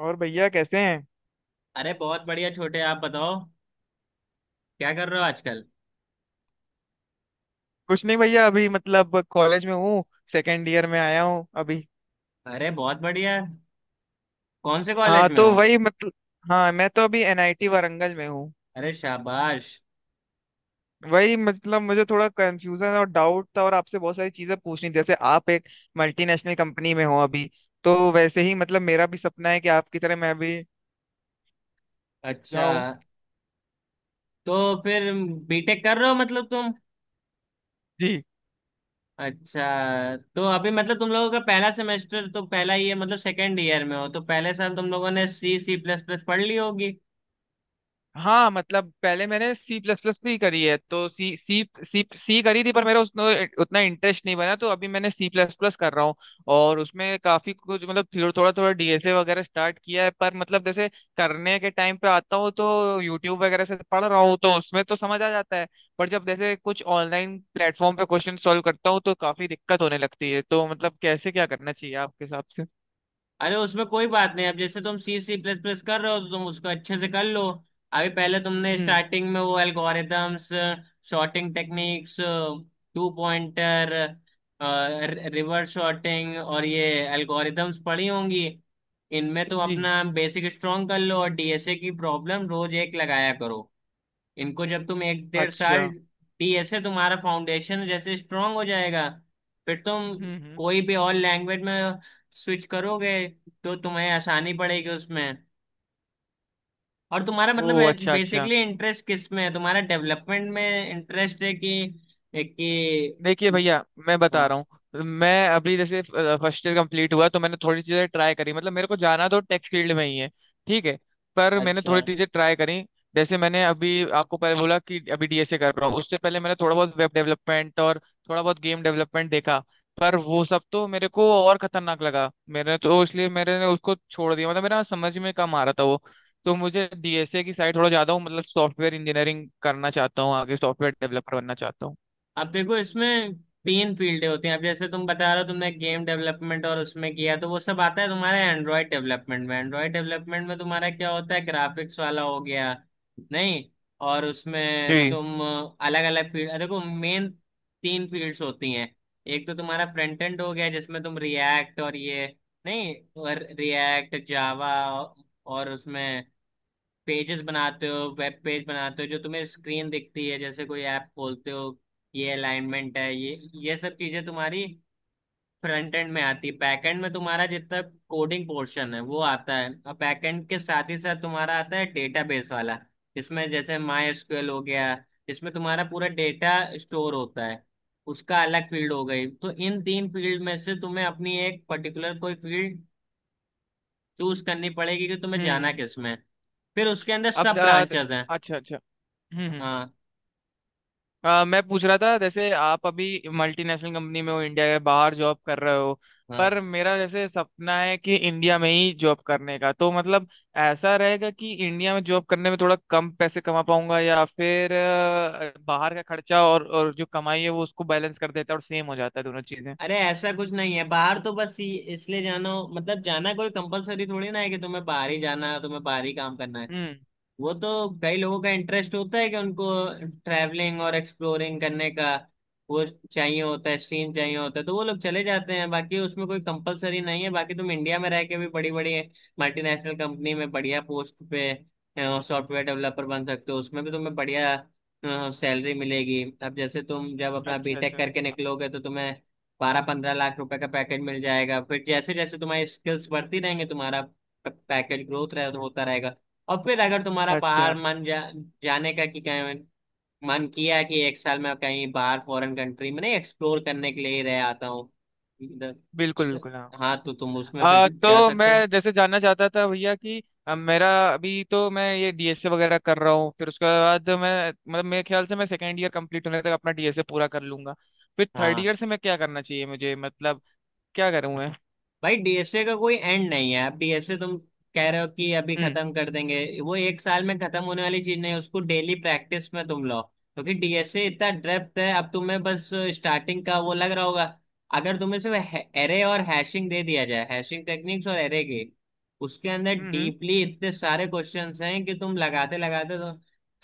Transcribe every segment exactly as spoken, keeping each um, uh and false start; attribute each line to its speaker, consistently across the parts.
Speaker 1: और भैया कैसे हैं।
Speaker 2: अरे बहुत बढ़िया छोटे। आप बताओ, क्या कर रहे हो आजकल?
Speaker 1: कुछ नहीं भैया अभी मतलब कॉलेज में हूँ। सेकेंड ईयर में आया हूँ अभी।
Speaker 2: अरे बहुत बढ़िया। कौन से कॉलेज
Speaker 1: हाँ
Speaker 2: में
Speaker 1: तो
Speaker 2: हो?
Speaker 1: वही मतलब। हाँ मैं तो अभी एन आई टी वारंगल में हूँ।
Speaker 2: अरे शाबाश।
Speaker 1: वही मतलब मुझे थोड़ा कंफ्यूजन और डाउट था और आपसे बहुत सारी चीजें पूछनी थी। जैसे आप एक मल्टीनेशनल कंपनी में हो अभी। तो वैसे ही मतलब मेरा भी सपना है कि आपकी तरह मैं भी
Speaker 2: अच्छा।
Speaker 1: जाऊं।
Speaker 2: तो फिर बीटेक कर रहे हो मतलब तुम?
Speaker 1: जी।
Speaker 2: अच्छा। तो अभी मतलब तुम लोगों का पहला सेमेस्टर तो पहला ही है, मतलब सेकेंड ईयर में हो तो पहले साल तुम लोगों ने सी सी प्लस प्लस पढ़ ली होगी।
Speaker 1: हाँ मतलब पहले मैंने सी प्लस प्लस भी करी है तो सी सी सी सी करी थी पर मेरा उसमें उतना इंटरेस्ट नहीं बना तो अभी मैंने सी प्लस प्लस कर रहा हूँ। और उसमें काफी कुछ मतलब थोड़ा थोड़ा थोड़ा डी एस ए वगैरह स्टार्ट किया है पर मतलब जैसे करने के टाइम पे आता हूँ तो यूट्यूब वगैरह से पढ़ रहा हूँ तो उसमें तो समझ आ जाता है। पर जब जैसे कुछ ऑनलाइन प्लेटफॉर्म पे क्वेश्चन सॉल्व करता हूँ तो काफी दिक्कत होने लगती है तो मतलब कैसे क्या करना चाहिए आपके हिसाब से?
Speaker 2: अरे उसमें कोई बात नहीं। अब जैसे तुम सी सी प्लस प्लस कर रहे हो तो तुम उसको अच्छे से कर लो। अभी पहले तुमने
Speaker 1: हम्म।
Speaker 2: स्टार्टिंग में वो algorithms, sorting techniques, two pointer, reverse sorting और ये एल्गोरिदम्स पढ़ी होंगी। इनमें तुम
Speaker 1: जी।
Speaker 2: अपना बेसिक स्ट्रॉन्ग कर लो और डी एस ए की प्रॉब्लम रोज एक लगाया करो। इनको जब तुम एक डेढ़
Speaker 1: अच्छा।
Speaker 2: साल दिए से तुम्हारा फाउंडेशन जैसे स्ट्रांग हो जाएगा। फिर तुम
Speaker 1: हम्म हम्म।
Speaker 2: कोई भी और लैंग्वेज में स्विच करोगे तो तुम्हें आसानी पड़ेगी उसमें। और तुम्हारा
Speaker 1: ओ
Speaker 2: मतलब है,
Speaker 1: अच्छा अच्छा।
Speaker 2: बेसिकली इंटरेस्ट किस में है तुम्हारा, डेवलपमेंट में इंटरेस्ट है कि कि?
Speaker 1: देखिए भैया मैं बता
Speaker 2: हाँ।
Speaker 1: रहा हूँ मैं अभी जैसे फर्स्ट ईयर कंप्लीट हुआ तो मैंने थोड़ी चीजें ट्राई करी मतलब मेरे को जाना तो टेक फील्ड में ही है। ठीक है। पर मैंने
Speaker 2: अच्छा।
Speaker 1: थोड़ी चीजें ट्राई करी जैसे मैंने अभी आपको पहले बोला कि अभी डीएसए कर रहा हूँ उससे पहले मैंने थोड़ा बहुत वेब डेवलपमेंट और थोड़ा बहुत गेम डेवलपमेंट देखा। पर वो सब तो मेरे को और खतरनाक लगा मेरे तो इसलिए मेरे ने उसको छोड़ दिया मतलब मेरा समझ में कम आ रहा था वो। तो मुझे डीएसए की साइड थोड़ा ज्यादा हूँ मतलब सॉफ्टवेयर इंजीनियरिंग करना चाहता हूँ आगे सॉफ्टवेयर डेवलपर बनना चाहता हूँ।
Speaker 2: अब देखो इसमें तीन फील्डें होती हैं। अब जैसे तुम बता रहे हो तुमने गेम डेवलपमेंट और उसमें किया, तो वो सब आता है तुम्हारे एंड्रॉयड डेवलपमेंट में। एंड्रॉयड डेवलपमेंट में तुम्हारा क्या होता है, ग्राफिक्स वाला हो गया, नहीं, और उसमें
Speaker 1: जी।
Speaker 2: तुम अलग अलग फील्ड देखो। मेन तीन फील्ड्स होती हैं। एक तो तुम्हारा फ्रंट एंड हो गया, जिसमें तुम रिएक्ट और ये, नहीं, और रिएक्ट जावा, और उसमें पेजेस बनाते हो, वेब पेज बनाते हो जो तुम्हें स्क्रीन दिखती है, जैसे कोई ऐप खोलते हो ये अलाइनमेंट है, ये ये सब चीजें तुम्हारी फ्रंट एंड में आती है। बैक एंड में तुम्हारा जितना कोडिंग पोर्शन है वो आता है, और बैक एंड के साथ ही साथ तुम्हारा आता है डेटाबेस वाला, जिसमें जैसे माई एसक्यूएल हो गया। इसमें तुम्हारा पूरा डेटा स्टोर होता है। उसका अलग फील्ड हो गई। तो इन तीन फील्ड में से तुम्हें अपनी एक पर्टिकुलर कोई फील्ड चूज करनी पड़ेगी कि तुम्हें जाना
Speaker 1: हम्म।
Speaker 2: किस में है। फिर उसके अंदर
Speaker 1: अब
Speaker 2: सब
Speaker 1: अ, द-
Speaker 2: ब्रांचेस हैं।
Speaker 1: अच्छा अच्छा। हम्म हम्म।
Speaker 2: हाँ।
Speaker 1: अ, मैं पूछ रहा था जैसे आप अभी मल्टीनेशनल कंपनी में हो इंडिया के बाहर जॉब कर रहे हो।
Speaker 2: हाँ।
Speaker 1: पर मेरा जैसे सपना है कि इंडिया में ही जॉब करने का तो मतलब ऐसा रहेगा कि इंडिया में जॉब करने में थोड़ा कम पैसे कमा पाऊंगा या फिर अ, बाहर का खर्चा और और जो कमाई है वो उसको बैलेंस कर देता है और सेम हो जाता है दोनों चीजें?
Speaker 2: अरे ऐसा कुछ नहीं है, बाहर तो बस इ- इसलिए जाना हो, मतलब जाना कोई कंपलसरी थोड़ी ना है कि तुम्हें बाहर ही जाना है, तुम्हें बाहर ही काम करना है।
Speaker 1: हम्म।
Speaker 2: वो तो कई लोगों का इंटरेस्ट होता है कि उनको ट्रैवलिंग और एक्सप्लोरिंग करने का वो चाहिए होता है, सीन चाहिए होता है, तो वो लोग चले जाते हैं। बाकी उसमें कोई कंपलसरी नहीं है। बाकी तुम इंडिया में रह के भी बड़ी बड़ी मल्टीनेशनल कंपनी में बढ़िया पोस्ट पे सॉफ्टवेयर डेवलपर बन सकते हो, उसमें भी तुम्हें बढ़िया सैलरी मिलेगी। अब जैसे तुम जब अपना
Speaker 1: अच्छा
Speaker 2: बीटेक
Speaker 1: अच्छा।
Speaker 2: करके निकलोगे तो तुम्हें बारह पंद्रह लाख रुपए का पैकेज मिल जाएगा। फिर जैसे जैसे तुम्हारी स्किल्स बढ़ती रहेंगी तुम्हारा पैकेज ग्रोथ रह, होता रहेगा। और फिर अगर तुम्हारा बाहर
Speaker 1: अच्छा।
Speaker 2: मन जा, जाने का, कि कहीं मन किया कि एक साल में कहीं बाहर फॉरेन कंट्री में नहीं एक्सप्लोर करने के लिए ही रह आता हूँ इधर-
Speaker 1: बिल्कुल बिल्कुल।
Speaker 2: हाँ, तो तुम उसमें फिर
Speaker 1: आ,
Speaker 2: जा
Speaker 1: तो
Speaker 2: सकते हो।
Speaker 1: मैं जैसे जानना चाहता था भैया कि अ, मेरा अभी तो मैं ये डीएसए वगैरह कर रहा हूँ फिर उसके बाद मैं मतलब मेरे ख्याल से मैं सेकेंड ईयर कंप्लीट होने तक अपना डीएसए पूरा कर लूंगा। फिर थर्ड
Speaker 2: हाँ।
Speaker 1: ईयर से मैं क्या करना चाहिए मुझे मतलब क्या करूँ मैं?
Speaker 2: भाई डीएसए का कोई एंड नहीं है। आप डीएसए, तुम कह रहे हो कि अभी
Speaker 1: हम्म।
Speaker 2: खत्म कर देंगे, वो एक साल में खत्म होने वाली चीज नहीं है। उसको डेली प्रैक्टिस में तुम लो, क्योंकि डीएसए इतना डेप्थ है। अब तुम्हें बस स्टार्टिंग का वो लग रहा होगा। अगर तुम्हें सिर्फ एरे और हैशिंग दे दिया जाए, हैशिंग टेक्निक्स और एरे की उसके अंदर
Speaker 1: हम्म।
Speaker 2: डीपली इतने सारे क्वेश्चंस हैं कि तुम लगाते लगाते तो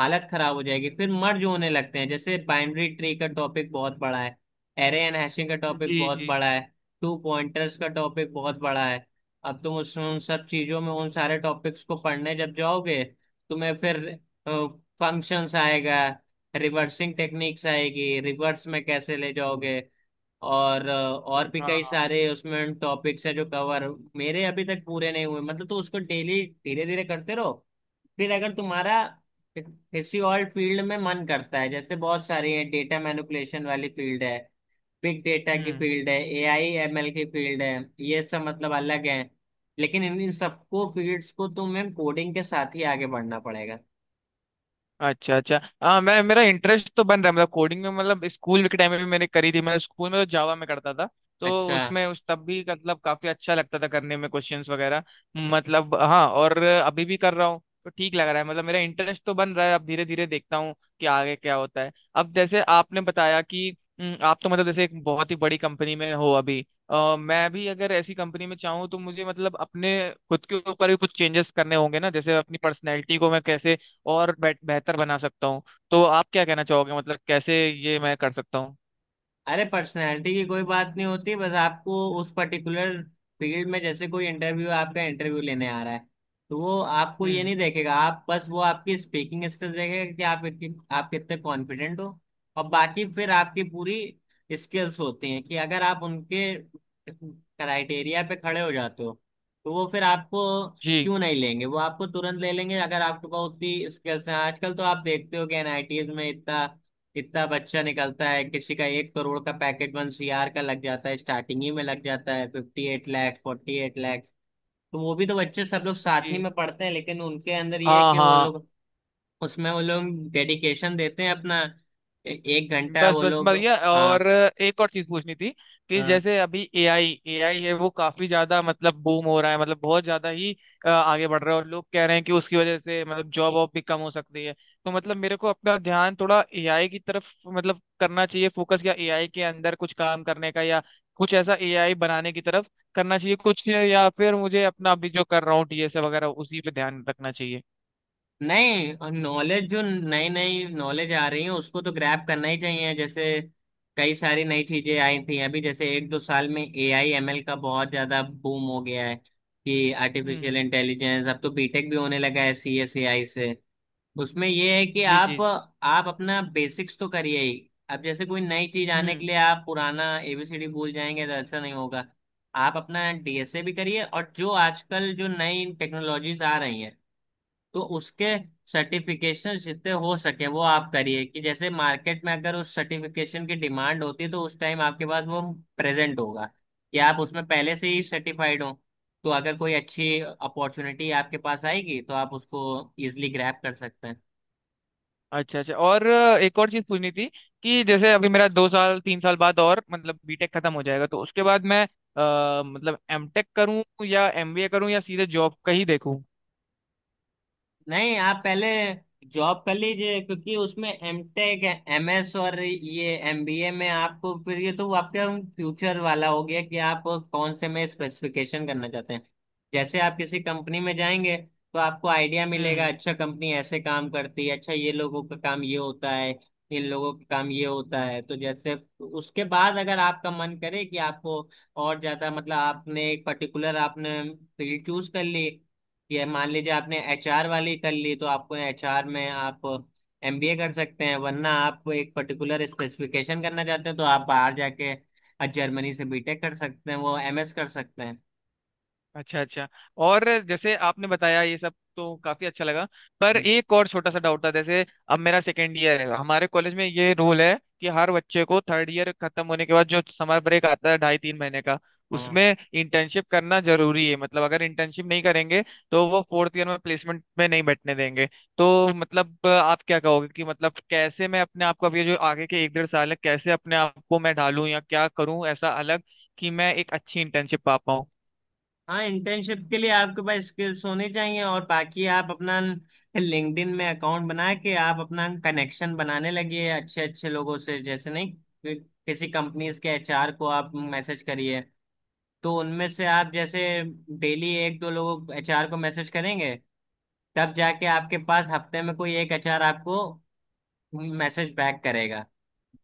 Speaker 2: हालत खराब हो जाएगी। फिर मर्ज होने लगते हैं, जैसे बाइनरी ट्री का टॉपिक बहुत बड़ा है, एरे एंड हैशिंग का
Speaker 1: हम्म,
Speaker 2: टॉपिक
Speaker 1: जी
Speaker 2: बहुत
Speaker 1: जी।
Speaker 2: बड़ा है, टू पॉइंटर्स का टॉपिक बहुत बड़ा है। अब तुम उसमें उन सब चीजों में, उन सारे टॉपिक्स को पढ़ने जब जाओगे, तुम्हें फिर फंक्शंस आएगा, रिवर्सिंग टेक्निक्स आएगी, रिवर्स में कैसे ले जाओगे, और अ, और भी कई
Speaker 1: हाँ।
Speaker 2: सारे उसमें टॉपिक्स है जो कवर मेरे अभी तक पूरे नहीं हुए मतलब। तो उसको डेली धीरे धीरे करते रहो। फिर अगर तुम्हारा किसी और फील्ड में मन करता है, जैसे बहुत सारी है, डेटा मैनिपुलेशन वाली फील्ड है, बिग डेटा की
Speaker 1: हम्म।
Speaker 2: फील्ड है, ए आई एम एल की फील्ड है, ये सब मतलब अलग है। लेकिन इन इन सबको फील्ड्स को तुम्हें कोडिंग के साथ ही आगे बढ़ना पड़ेगा।
Speaker 1: अच्छा अच्छा। हाँ मैं मेरा इंटरेस्ट तो बन रहा है मतलब कोडिंग में मतलब स्कूल के टाइम में भी मैंने करी थी मैं स्कूल में तो जावा में करता था तो
Speaker 2: अच्छा।
Speaker 1: उसमें उस तब भी मतलब काफी अच्छा लगता था करने में क्वेश्चंस वगैरह। मतलब हाँ और अभी भी कर रहा हूँ तो ठीक लग रहा है मतलब मेरा इंटरेस्ट तो बन रहा है अब धीरे धीरे देखता हूँ कि आगे क्या होता है। अब जैसे आपने बताया कि हम्म, आप तो मतलब जैसे एक बहुत ही बड़ी कंपनी में हो अभी। अ, मैं भी अगर ऐसी कंपनी में चाहूँ तो मुझे मतलब अपने खुद के ऊपर भी कुछ चेंजेस करने होंगे ना जैसे अपनी पर्सनैलिटी को मैं कैसे और बेट- बेहतर बना सकता हूँ। तो आप क्या कहना चाहोगे मतलब कैसे ये मैं कर सकता हूँ?
Speaker 2: अरे पर्सनैलिटी की कोई बात नहीं होती। बस आपको उस पर्टिकुलर फील्ड में, जैसे कोई इंटरव्यू, आपका इंटरव्यू लेने आ रहा है, तो वो आपको ये
Speaker 1: हम्म।
Speaker 2: नहीं देखेगा, आप बस, वो आपकी स्पीकिंग स्किल्स देखेगा कि आप इतनी, आप कितने कॉन्फिडेंट हो। और बाकी फिर आपकी पूरी स्किल्स होती हैं कि अगर आप उनके क्राइटेरिया पे खड़े हो जाते हो तो वो फिर आपको
Speaker 1: जी
Speaker 2: क्यों नहीं लेंगे, वो आपको तुरंत ले लेंगे अगर आपके पास उतनी स्किल्स हैं। आजकल तो आप देखते हो कि एन आई टीज में इतना कितना बच्चा निकलता है, किसी का एक करोड़ का पैकेट, वन सीआर का लग जाता है, स्टार्टिंग ही में लग जाता है, fifty eight lakhs, forty eight lakhs. तो वो भी तो बच्चे सब लोग साथ ही
Speaker 1: जी।
Speaker 2: में पढ़ते हैं, लेकिन उनके अंदर ये है
Speaker 1: हाँ
Speaker 2: कि वो
Speaker 1: हाँ।
Speaker 2: लोग उसमें, वो लोग डेडिकेशन देते हैं अपना। ए- एक घंटा
Speaker 1: बस
Speaker 2: वो
Speaker 1: बस
Speaker 2: लोग,
Speaker 1: बढ़िया और
Speaker 2: हाँ।
Speaker 1: एक और चीज पूछनी थी कि जैसे अभी ए आई एआई है वो काफी ज्यादा मतलब बूम हो रहा है मतलब बहुत ज्यादा ही अ, आगे बढ़ रहा है और लोग कह रहे हैं कि उसकी वजह से मतलब जॉब वॉब भी कम हो सकती है। तो मतलब मेरे को अपना ध्यान थोड़ा एआई की तरफ मतलब करना चाहिए फोकस या एआई के अंदर कुछ काम करने का या कुछ ऐसा एआई बनाने की तरफ करना चाहिए कुछ या फिर मुझे अपना अभी जो कर रहा हूँ डीएसए वगैरह उसी पे ध्यान रखना चाहिए?
Speaker 2: नहीं, नॉलेज जो नई नई नॉलेज आ रही है उसको तो ग्रैब करना ही चाहिए। जैसे कई सारी नई चीजें आई थी, अभी जैसे एक दो साल में ए आई एम एल का बहुत ज्यादा बूम हो गया है, कि आर्टिफिशियल
Speaker 1: हम्म।
Speaker 2: इंटेलिजेंस अब तो बीटेक भी होने लगा है सी एस ए आई से। उसमें ये है कि
Speaker 1: जी जी।
Speaker 2: आप आप अपना बेसिक्स तो करिए ही। अब जैसे कोई नई चीज आने के
Speaker 1: हम्म।
Speaker 2: लिए आप पुराना ए बी सी डी भूल जाएंगे, तो ऐसा नहीं होगा। आप अपना डीएसए भी करिए, और जो आजकल जो नई टेक्नोलॉजीज आ रही हैं तो उसके सर्टिफिकेशन जितने हो सके वो आप करिए, कि जैसे मार्केट में अगर उस सर्टिफिकेशन की डिमांड होती है तो उस टाइम आपके पास वो प्रेजेंट होगा, कि आप उसमें पहले से ही सर्टिफाइड हो। तो अगर कोई अच्छी अपॉर्चुनिटी आपके पास आएगी तो आप उसको इजिली ग्रैब कर सकते हैं।
Speaker 1: अच्छा अच्छा। और अ, एक और चीज पूछनी थी कि जैसे अभी मेरा दो साल तीन साल बाद और मतलब बी टेक खत्म हो जाएगा तो उसके बाद मैं अ, मतलब एम टेक करूं या एम बी ए करूं या सीधे जॉब का ही देखूं?
Speaker 2: नहीं, आप पहले जॉब कर लीजिए, क्योंकि उसमें एम टेक, एम एस और ये एम बी ए में आपको फिर ये तो आपका फ्यूचर वाला हो गया कि आप कौन से में स्पेसिफिकेशन करना चाहते हैं। जैसे आप किसी कंपनी में जाएंगे तो आपको आइडिया
Speaker 1: हम्म
Speaker 2: मिलेगा,
Speaker 1: हम्म।
Speaker 2: अच्छा कंपनी ऐसे काम करती है, अच्छा ये लोगों का काम ये होता है, इन लोगों का काम ये होता है। तो जैसे उसके बाद अगर आपका मन करे कि आपको और ज्यादा मतलब, आपने एक पर्टिकुलर आपने फील्ड चूज कर ली, ये मान लीजिए आपने एच आर वाली कर ली तो आपको एचआर में आप एमबीए कर सकते हैं। वरना आप एक पर्टिकुलर स्पेसिफिकेशन करना चाहते हैं तो आप बाहर जाके जर्मनी से बी टेक कर सकते हैं, वो एमएस कर सकते हैं।
Speaker 1: अच्छा अच्छा। और जैसे आपने बताया ये सब तो काफी अच्छा लगा पर एक और छोटा सा डाउट था जैसे अब मेरा सेकेंड ईयर है हमारे कॉलेज में ये रूल है कि हर बच्चे को थर्ड ईयर खत्म होने के बाद जो समर ब्रेक आता है ढाई तीन महीने का
Speaker 2: हाँ।
Speaker 1: उसमें इंटर्नशिप करना जरूरी है मतलब अगर इंटर्नशिप नहीं करेंगे तो वो फोर्थ ईयर में प्लेसमेंट में नहीं बैठने देंगे। तो मतलब अ, आप क्या कहोगे कि मतलब कैसे मैं अपने आप को अब ये जो आगे के एक डेढ़ साल है कैसे अपने आप को मैं ढालूं या क्या करूं ऐसा अलग कि मैं एक अच्छी इंटर्नशिप पा।
Speaker 2: हाँ, इंटर्नशिप के लिए आपके पास स्किल्स होने चाहिए। और बाकी आप अपना लिंक्डइन में अकाउंट बना के आप अपना कनेक्शन बनाने लगिए अच्छे अच्छे लोगों से, जैसे नहीं कि- किसी कंपनीज के एचआर को आप मैसेज करिए। तो उनमें से आप जैसे डेली एक दो लोगों एचआर को मैसेज करेंगे, तब जाके आपके पास हफ्ते में कोई एक एचआर आपको मैसेज बैक करेगा।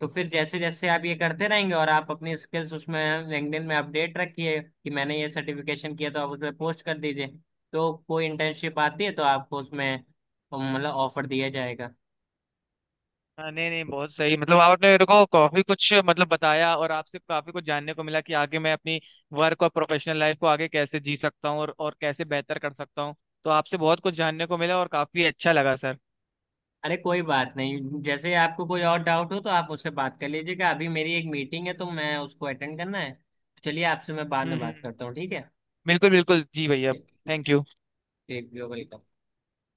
Speaker 2: तो फिर जैसे जैसे आप ये करते रहेंगे, और आप अपनी स्किल्स उसमें लिंक्डइन में अपडेट रखिए, कि मैंने ये सर्टिफिकेशन किया तो आप उसमें पोस्ट कर दीजिए, तो कोई इंटर्नशिप आती है तो आपको उसमें मतलब ऑफर दिया जाएगा।
Speaker 1: हाँ, नहीं नहीं बहुत सही मतलब आपने मेरे को काफी कुछ मतलब बताया और आपसे काफी कुछ जानने को मिला कि आगे मैं अपनी वर्क और प्रोफेशनल लाइफ को आगे कैसे जी सकता हूँ और, और कैसे बेहतर कर सकता हूँ। तो आपसे बहुत कुछ जानने को मिला और काफी अच्छा लगा सर।
Speaker 2: अरे कोई बात नहीं, जैसे आपको कोई और डाउट हो तो आप मुझसे बात कर लीजिएगा। अभी मेरी एक मीटिंग है तो मैं उसको अटेंड करना है, तो चलिए आपसे मैं बाद
Speaker 1: हम्म
Speaker 2: में बात
Speaker 1: हम्म,
Speaker 2: करता हूँ, ठीक है?
Speaker 1: बिल्कुल बिल्कुल जी भैया।
Speaker 2: ठीक ठीक।
Speaker 1: Thank you.
Speaker 2: ठीक, वेलकम।